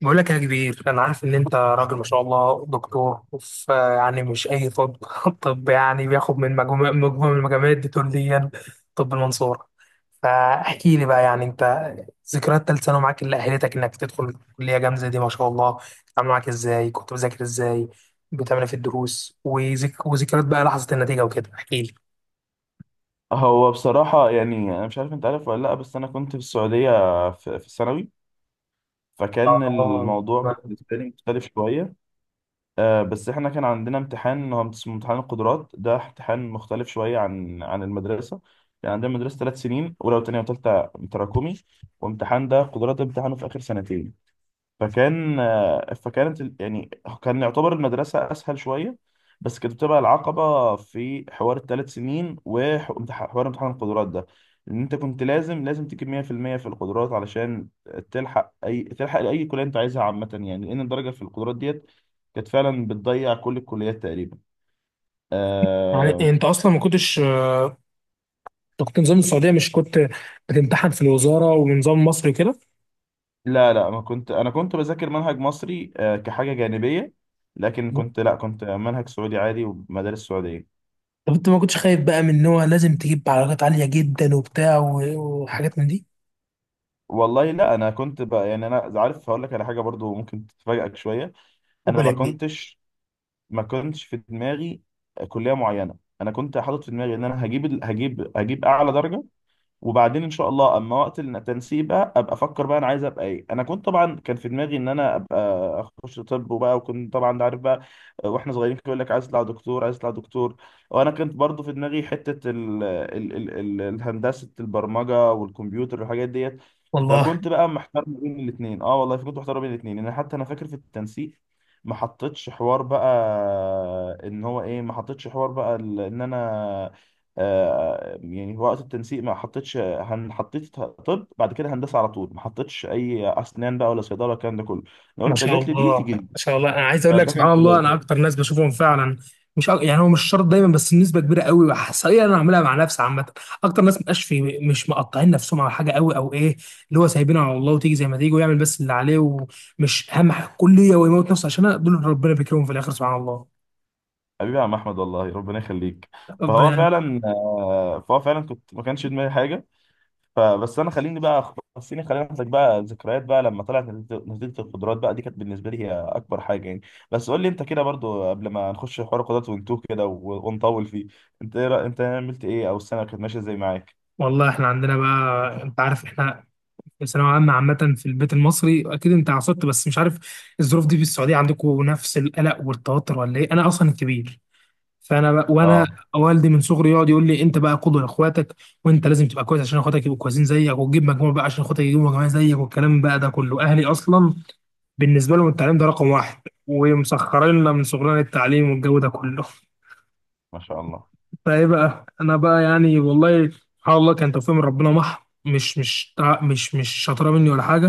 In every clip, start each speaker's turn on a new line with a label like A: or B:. A: بقول لك يا كبير، انا عارف ان انت راجل ما شاء الله دكتور، وف يعني مش اي طب. طب يعني بياخد من مجموعه من المجاميع الدكتورية. طب المنصوره. فاحكي لي بقى، يعني انت ذكريات ثالث ثانوي معاك اللي اهلتك انك تدخل كليه جامده دي ما شاء الله. عامله معاك ازاي؟ كنت بذاكر ازاي؟ بتعمل إيه في الدروس؟ وذكريات بقى لحظه النتيجه وكده، احكي لي.
B: هو بصراحة، يعني، أنا مش عارف أنت عارف ولا لأ. بس أنا كنت في السعودية في الثانوي. فكان
A: اه
B: الموضوع بالنسبة لي مختلف شوية. بس إحنا كان عندنا امتحان، هو اسمه امتحان القدرات. ده امتحان مختلف شوية عن المدرسة. يعني عندنا مدرسة 3 سنين، أولى وتانية وتالتة، تراكمي. وامتحان ده، قدرات ده، امتحانه في آخر سنتين. فكان آه، فكانت ال- يعني كان يعتبر المدرسة أسهل شوية، بس كانت بتبقى العقبة في حوار ال3 سنين وحوار امتحان القدرات ده. إن أنت كنت لازم تجيب 100% في المية في القدرات علشان تلحق لأي كلية أنت عايزها، عامة يعني، لأن الدرجة في القدرات ديت كانت فعلا بتضيع كل الكليات تقريبا. آه،
A: يعني انت اصلا ما كنتش، انت كنت نظام السعوديه، مش كنت بتمتحن في الوزاره ونظام مصر كده.
B: لا لا، ما كنت. أنا كنت بذاكر منهج مصري، كحاجة جانبية، لكن كنت، لا، كنت منهج سعودي عادي ومدارس سعودية.
A: طب انت ما كنتش خايف بقى من ان هو لازم تجيب علاقات عالية جدا وبتاع وحاجات من دي؟
B: والله، لا، انا كنت بقى، يعني، انا عارف هقول لك على حاجه برضو ممكن تفاجئك شويه. انا ما
A: وبلاك دي.
B: كنتش، ما كنتش في دماغي كليه معينه. انا كنت حاطط في دماغي ان انا هجيب ال- هجيب هجيب اعلى درجه، وبعدين ان شاء الله اما وقت التنسيق بقى ابقى افكر بقى انا عايز ابقى ايه. انا كنت طبعا كان في دماغي ان انا ابقى اخش طب. وبقى وكنت طبعا، انت عارف، بقى واحنا صغيرين كان يقول لك عايز تطلع دكتور عايز تطلع دكتور. وانا كنت برضو في دماغي حته ال ال ال ال الهندسه، البرمجه والكمبيوتر والحاجات ديت.
A: والله
B: فكنت بقى محتار ما بين الاثنين. اه والله كنت محتار ما بين الاثنين، لان حتى انا فاكر في التنسيق ما حطيتش حوار بقى ان هو ايه. ما حطيتش حوار بقى ان انا، يعني، في وقت التنسيق ما حطيتش. حطيت طب، بعد كده هندسه على طول. ما حطيتش اي اسنان بقى ولا صيدله، الكلام ده كله. انا
A: ما
B: قلت
A: شاء
B: جات لي دي،
A: الله ما
B: تيجي دي.
A: شاء الله، انا عايز اقول لك
B: فده كان
A: سبحان
B: في
A: الله
B: بالي.
A: انا اكتر ناس بشوفهم فعلا مش أك... يعني هو مش شرط دايما، بس النسبه كبيره قوي حصريا انا عاملها مع نفسي، عامه. اكتر ناس مبقاش في، مش مقطعين نفسهم على حاجه قوي او ايه، اللي هو سايبينه على الله وتيجي زي ما تيجي، ويعمل بس اللي عليه، ومش اهم حاجه كليه ويموت نفسه، عشان دول ربنا بيكرمهم في الاخر سبحان الله.
B: حبيبي يا عم احمد، والله ربنا يخليك. فهو
A: ربنا.
B: فعلا آه، فهو فعلا كنت ما كانش في دماغي حاجه. فبس انا، خليني بقى خليني خليني اخدك بقى ذكريات بقى لما طلعت نتيجة القدرات بقى دي، كانت بالنسبه لي هي اكبر حاجه يعني. بس قول لي انت كده برضو، قبل ما نخش حوار القدرات ونتوه كده ونطول فيه، انت عملت ايه، او السنه كانت ماشيه ازاي معاك؟
A: والله احنا عندنا بقى، انت عارف احنا الثانوية عامة في البيت المصري أكيد أنت عصبت، بس مش عارف الظروف دي في السعودية عندكم نفس القلق والتوتر ولا إيه؟ أنا أصلا الكبير، فأنا بقى، وأنا
B: اه.
A: والدي من صغري يقعد يقول لي أنت بقى قدوة لإخواتك، وأنت لازم تبقى كويس عشان إخواتك يبقوا كويسين زيك، وتجيب مجموع بقى عشان إخواتك يجيبوا مجموع زيك، والكلام بقى ده كله. أهلي أصلا بالنسبة لهم التعليم ده رقم واحد، ومسخرين لنا من صغرنا التعليم والجو ده كله.
B: ما شاء الله.
A: فايه بقى انا بقى، يعني والله سبحان الله كان توفيق من ربنا مح مش مش تع- مش مش شاطره مني ولا حاجه،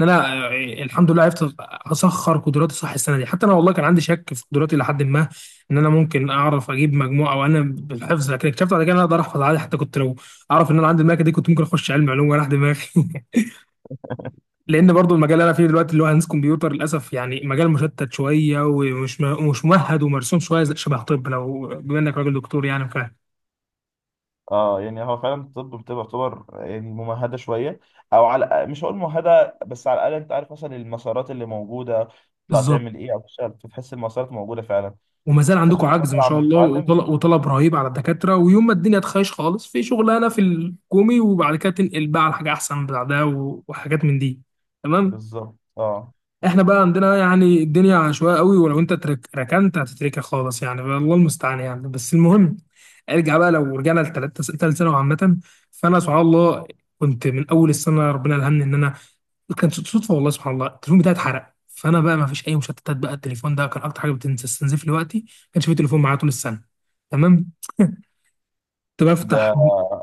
A: ان انا الحمد لله عرفت اسخر قدراتي صح السنه دي. حتى انا والله كان عندي شك في قدراتي لحد ما ان انا ممكن اعرف اجيب مجموعه، او انا بالحفظ، لكن اكتشفت بعد كده ان انا اقدر احفظ عادي. حتى كنت لو اعرف ان انا عندي الملكه دي كنت ممكن اخش علم علوم ولا دماغي. لان برضو المجال اللي انا فيه دلوقتي اللي هو هندسه كمبيوتر، للاسف يعني مجال مشتت شويه، ومش مش ممهد ومرسوم شويه شبه طب. لو بما انك راجل دكتور يعني فاهم
B: اه، يعني هو فعلا الطب بتبقى تعتبر يعني ممهده شويه، او على، مش هقول ممهده، بس على الاقل انت عارف مثلا المسارات اللي موجوده تطلع
A: بالظبط.
B: تعمل ايه او تشتغل، بتحس المسارات موجوده فعلا.
A: وما زال عندكم
B: بتاخد
A: عجز ما
B: فتره
A: شاء
B: عم
A: الله،
B: تتعلم.
A: وطلب, وطلب رهيب على الدكاترة. ويوم ما الدنيا تخيش خالص في شغلانة في الحكومي، وبعد كده تنقل بقى على حاجة أحسن بعدها، وحاجات من دي. تمام.
B: بالظبط، اه.
A: احنا بقى عندنا يعني الدنيا عشوائيه قوي، ولو انت ترك ركنت هتتركها خالص، يعني الله المستعان يعني. بس المهم، ارجع بقى، لو رجعنا لثالث ثانوي عامه، فانا سبحان الله كنت من اول السنه ربنا الهمني ان انا، كانت صدفه والله، سبحان الله التليفون بتاعي اتحرق، فانا بقى ما فيش اي مشتتات بقى. التليفون ده كان اكتر حاجه بتستنزف لي وقتي، ما كانش في تليفون معايا طول السنه. تمام. كنت بفتح.
B: ده،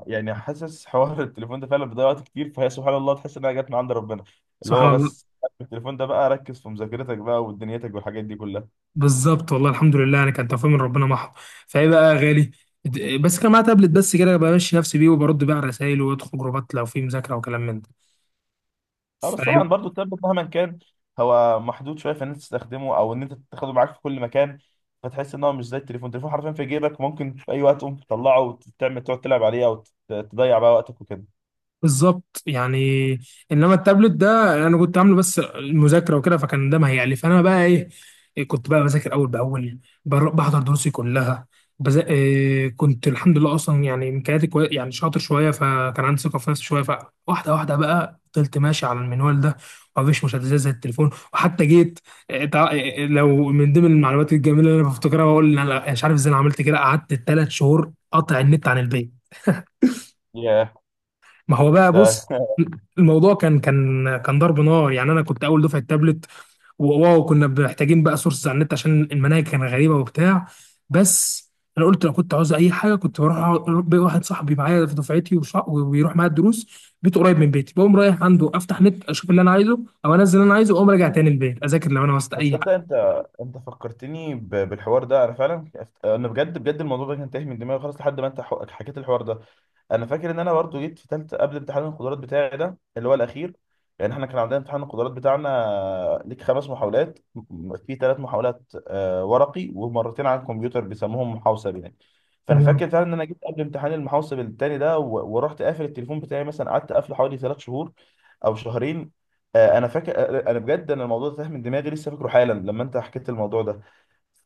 B: يعني، حاسس حوار التليفون ده فعلا بيضيع وقت كتير، فهي سبحان الله تحس انها جت من عند ربنا. اللي
A: سبحان
B: هو،
A: الله.
B: بس التليفون ده بقى، ركز في مذاكرتك بقى ودنيتك والحاجات دي كلها.
A: بالظبط والله، الحمد لله يعني كان توفيق من ربنا محض. فايه بقى يا غالي، بس كان معايا تابلت، بس كده بمشي نفسي بيه، وبرد بقى على الرسايل، وادخل جروبات لو في مذاكره وكلام من
B: اه، بس طبعا
A: ده.
B: برضو التابلت مهما كان هو محدود شويه في ان انت تستخدمه او ان انت تاخده معاك في كل مكان. فتحس ان هو مش زي التليفون. التليفون حرفيا في جيبك، ممكن في اي وقت تقوم تطلعه وتعمل، تقعد تلعب عليه او تضيع بقى وقتك وكده.
A: بالظبط يعني. انما التابلت ده انا كنت عامله بس المذاكره وكده، فكان ده ما هيعلي. فانا بقى ايه، إيه كنت بقى بذاكر اول باول، بحضر دروسي كلها، إيه كنت الحمد لله اصلا، يعني يعني شاطر شويه، فكان عندي ثقه في نفسي شويه، فواحده واحده بقى فضلت ماشي على المنوال ده، ومفيش مشتتات زي التليفون. وحتى جيت إيه، لو من ضمن المعلومات الجميله اللي انا بفتكرها، بقول انا مش عارف ازاي انا عملت كده، قعدت ثلاث شهور قاطع النت عن البيت.
B: ياه.
A: ما هو بقى
B: ده
A: بص، الموضوع كان كان ضرب نار، يعني انا كنت اول دفعه تابلت، كنا محتاجين بقى سورس على النت عشان المناهج كانت غريبه وبتاع. بس انا قلت لو كنت عاوز اي حاجه كنت بروح واحد صاحبي معايا في دفعتي وبيروح معايا الدروس، بيته قريب من بيتي، بقوم رايح عنده افتح نت اشوف اللي انا عايزه، او انزل اللي انا عايزه واقوم راجع تاني البيت اذاكر لو انا وسط اي
B: تصدق
A: حاجه.
B: انت فكرتني بالحوار ده. انا فعلا، انا بجد بجد الموضوع ده كان تايه من دماغي خالص لحد ما انت حكيت الحوار ده. انا فاكر ان انا برضو جيت في ثالثه قبل امتحان القدرات بتاعي ده اللي هو الاخير. يعني احنا كان عندنا امتحان القدرات بتاعنا ليك 5 محاولات، في 3 محاولات ورقي ومرتين على الكمبيوتر، بيسموهم محوسب يعني. فانا
A: تمام.
B: فاكر فعلا ان انا جيت قبل امتحان المحوسب التاني ده ورحت قافل التليفون بتاعي، مثلا قعدت قافله حوالي 3 شهور او شهرين. انا فاكر، انا بجد انا الموضوع ده تاه من دماغي، لسه فاكره حالا لما انت حكيت الموضوع ده.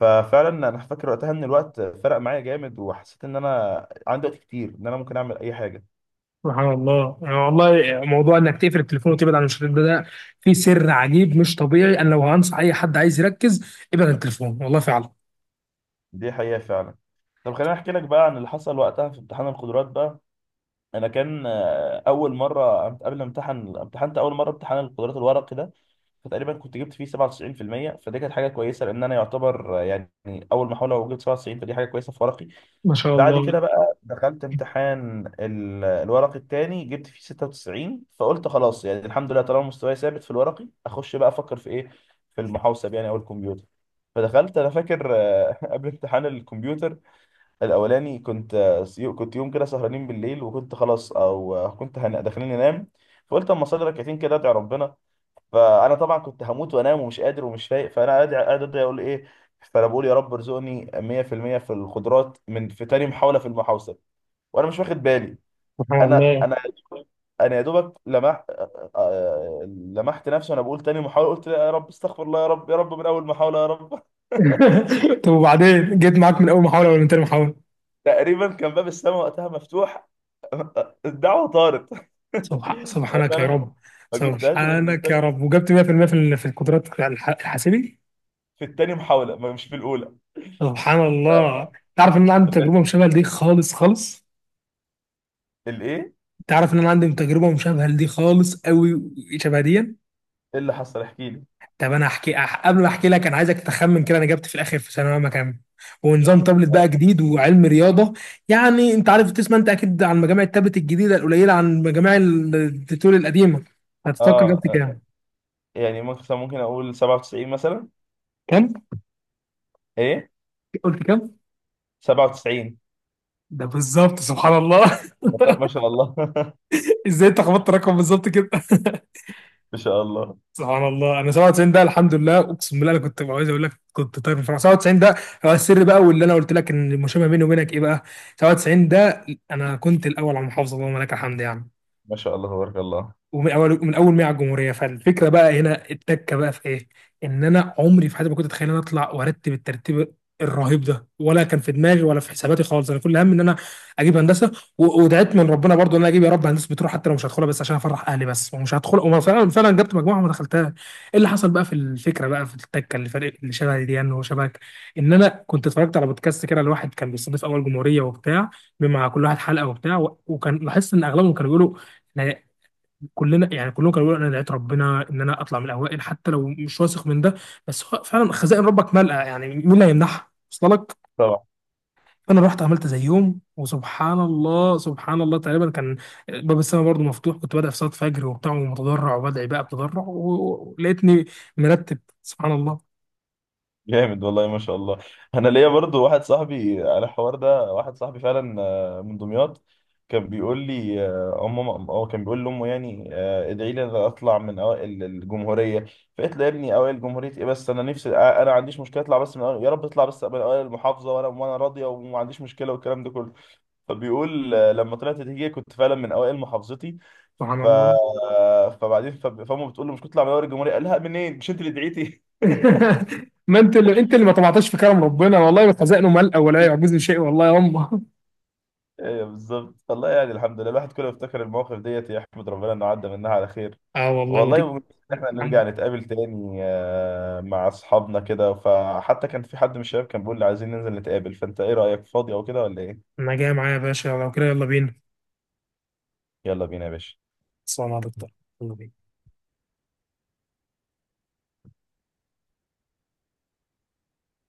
B: ففعلا انا فاكر وقتها ان الوقت فرق معايا جامد، وحسيت ان انا عندي وقت كتير ان انا ممكن اعمل اي حاجه.
A: سبحان الله، يعني والله موضوع انك تقفل التليفون وتبعد عن الشريط ده، ده فيه سر عجيب مش طبيعي. انا لو هنصح اي حد عايز يركز، ابعد عن التليفون والله فعلا.
B: دي حقيقه فعلا. طب خليني احكي لك بقى عن اللي حصل وقتها في امتحان القدرات بقى. انا كان، قبل ما امتحن، امتحنت اول مره امتحان القدرات الورقي ده. فتقريبا كنت جبت فيه 97%، فدي كانت حاجه كويسه لان انا يعتبر، يعني، اول محاوله وجبت 97، فدي حاجه كويسه في ورقي.
A: ما شاء
B: بعد كده
A: الله.
B: بقى دخلت امتحان الورق التاني، جبت فيه 96، فقلت خلاص يعني الحمد لله. طالما مستواي ثابت في الورقي، اخش بقى افكر في ايه، في المحوسب يعني او الكمبيوتر. فدخلت، انا فاكر، قبل امتحان الكمبيوتر الاولاني كنت، كنت يوم كده سهرانين بالليل وكنت خلاص، او كنت داخلين انام. فقلت اما اصلي ركعتين كده ادعي ربنا. فانا طبعا كنت هموت وانام ومش قادر ومش فايق، فانا قاعد قاعد ادعي اقول ايه. فانا بقول يا رب ارزقني 100% في المية في الخضروات من في تاني محاوله في المحاوصه، وانا مش واخد بالي.
A: سبحان
B: انا،
A: الله.
B: انا يا دوبك لمحت آه، آه، لمحت نفسي وانا بقول تاني محاوله، قلت لا يا رب، استغفر الله، يا رب يا رب من اول محاوله يا رب
A: طب وبعدين جيت معاك من اول محاوله ولا من تاني محاوله؟
B: تقريبا كان باب السماء وقتها مفتوح، الدعوه طارت انا
A: سبحانك يا
B: فعلا
A: رب.
B: ما جبتهاش غير من
A: سبحانك يا
B: التاني،
A: رب، وجبت 100% في المية في في القدرات الحاسبي.
B: في التاني محاوله، مش في الاولى.
A: سبحان الله، تعرف ان انا عندي
B: طب
A: تجربه مشابهه لدي خالص خالص.
B: الايه، إيه
A: تعرف ان انا عندي تجربه مشابهه لدي خالص قوي، شبه دي.
B: اللي حصل، احكي لي.
A: طب انا احكي قبل ما احكي لك، انا عايزك تخمن كده انا جبت في الاخر في ثانويه عامه كام، ونظام تابلت بقى جديد وعلم رياضه، يعني انت عارف تسمع انت اكيد عن مجامع التابلت الجديده القليله عن مجامع التتول القديمه، هتتوقع
B: اه،
A: جبت كام؟
B: يعني مثلا ممكن اقول 97 مثلا.
A: كام؟
B: ايه؟
A: قلت كام؟
B: 97.
A: ده بالظبط سبحان الله.
B: والله ما شاء الله
A: ازاي انت خبطت الرقم بالظبط كده؟
B: ما شاء الله.
A: سبحان الله، انا 97 ده، الحمد لله اقسم بالله انا كنت عايز اقول لك كنت طاير من الفرح 97 ده. هو السر بقى واللي انا قلت لك ان المشابه بيني وبينك ايه بقى، 97 ده انا كنت الاول على المحافظه، اللهم لك الحمد يعني.
B: ما شاء الله تبارك الله.
A: ومن اول، من اول ما هي على الجمهوريه. فالفكره بقى هنا التكه بقى في ايه، ان انا عمري في حياتي ما كنت اتخيل ان انا اطلع وارتب الترتيب الرهيب ده، ولا كان في دماغي ولا في حساباتي خالص. انا كل همي ان انا اجيب هندسه، ودعيت من ربنا برضو ان انا اجيب يا رب هندسه بتروح حتى لو مش هدخلها، بس عشان افرح اهلي بس ومش هدخل. وما فعلا جبت مجموعه وما دخلتها، ايه اللي حصل بقى في الفكره بقى في التكه اللي فرق، اللي شبه دي يعني وشبهك، ان انا كنت اتفرجت على بودكاست كده لواحد كان بيستضيف اول جمهوريه وبتاع، مع كل واحد حلقه وبتاع، وكان لاحظت ان اغلبهم كانوا بيقولوا، كلنا يعني كلهم كانوا بيقولوا انا دعيت ربنا ان انا اطلع من الاوائل حتى لو مش واثق من ده. بس هو فعلا خزائن ربك ملأ، يعني مين اللي هيمنعها وصل لك.
B: طبعا.
A: فانا رحت عملت زيهم، وسبحان الله سبحان الله تقريبا كان باب السماء برضه مفتوح، كنت بدأ في صلاة فجر وبتاع، ومتضرع وبدعي بقى بتضرع، ولقيتني مرتب سبحان الله.
B: جامد والله ما شاء الله. انا ليا برضو واحد صاحبي على الحوار ده، واحد صاحبي فعلا، من دمياط، كان بيقول لي، امه، هو كان بيقول لامه، يعني، ادعي لي إن أنا اطلع من اوائل الجمهوريه. فقلت له يا ابني، اوائل جمهوريه ايه، بس انا نفسي، انا ما عنديش مشكله اطلع بس من أوائل، يا رب اطلع بس من اوائل المحافظه وانا راضيه وما عنديش مشكله والكلام ده كله. فبيقول، لما طلعت نتيجة كنت فعلا من اوائل محافظتي.
A: سبحان
B: ف...
A: الله.
B: فبعدين، فامه بتقول له مش كنت تطلع من اول الجمهورية، قال لها منين، مش انت اللي دعيتي؟
A: ما انت اللي، ما طمعتش في كرم ربنا، والله خزائنه ملأ ولا يعجزني شيء والله يا امه.
B: ايوه بالظبط. والله، يعني، الحمد لله، الواحد كله بيفتكر المواقف ديت يحمد ربنا انه عدى منها على خير.
A: اه والله،
B: والله.
A: ودي،
B: وإن احنا نرجع نتقابل تاني، مع اصحابنا كده، فحتى كان في حد من الشباب كان بيقول لي عايزين ننزل نتقابل، فانت ايه رأيك، فاضي او كده ولا ايه؟
A: ما جايه معايا يا باشا؟ لو كده يلا بينا.
B: يلا بينا يا باشا.
A: تصبح مع دكتور.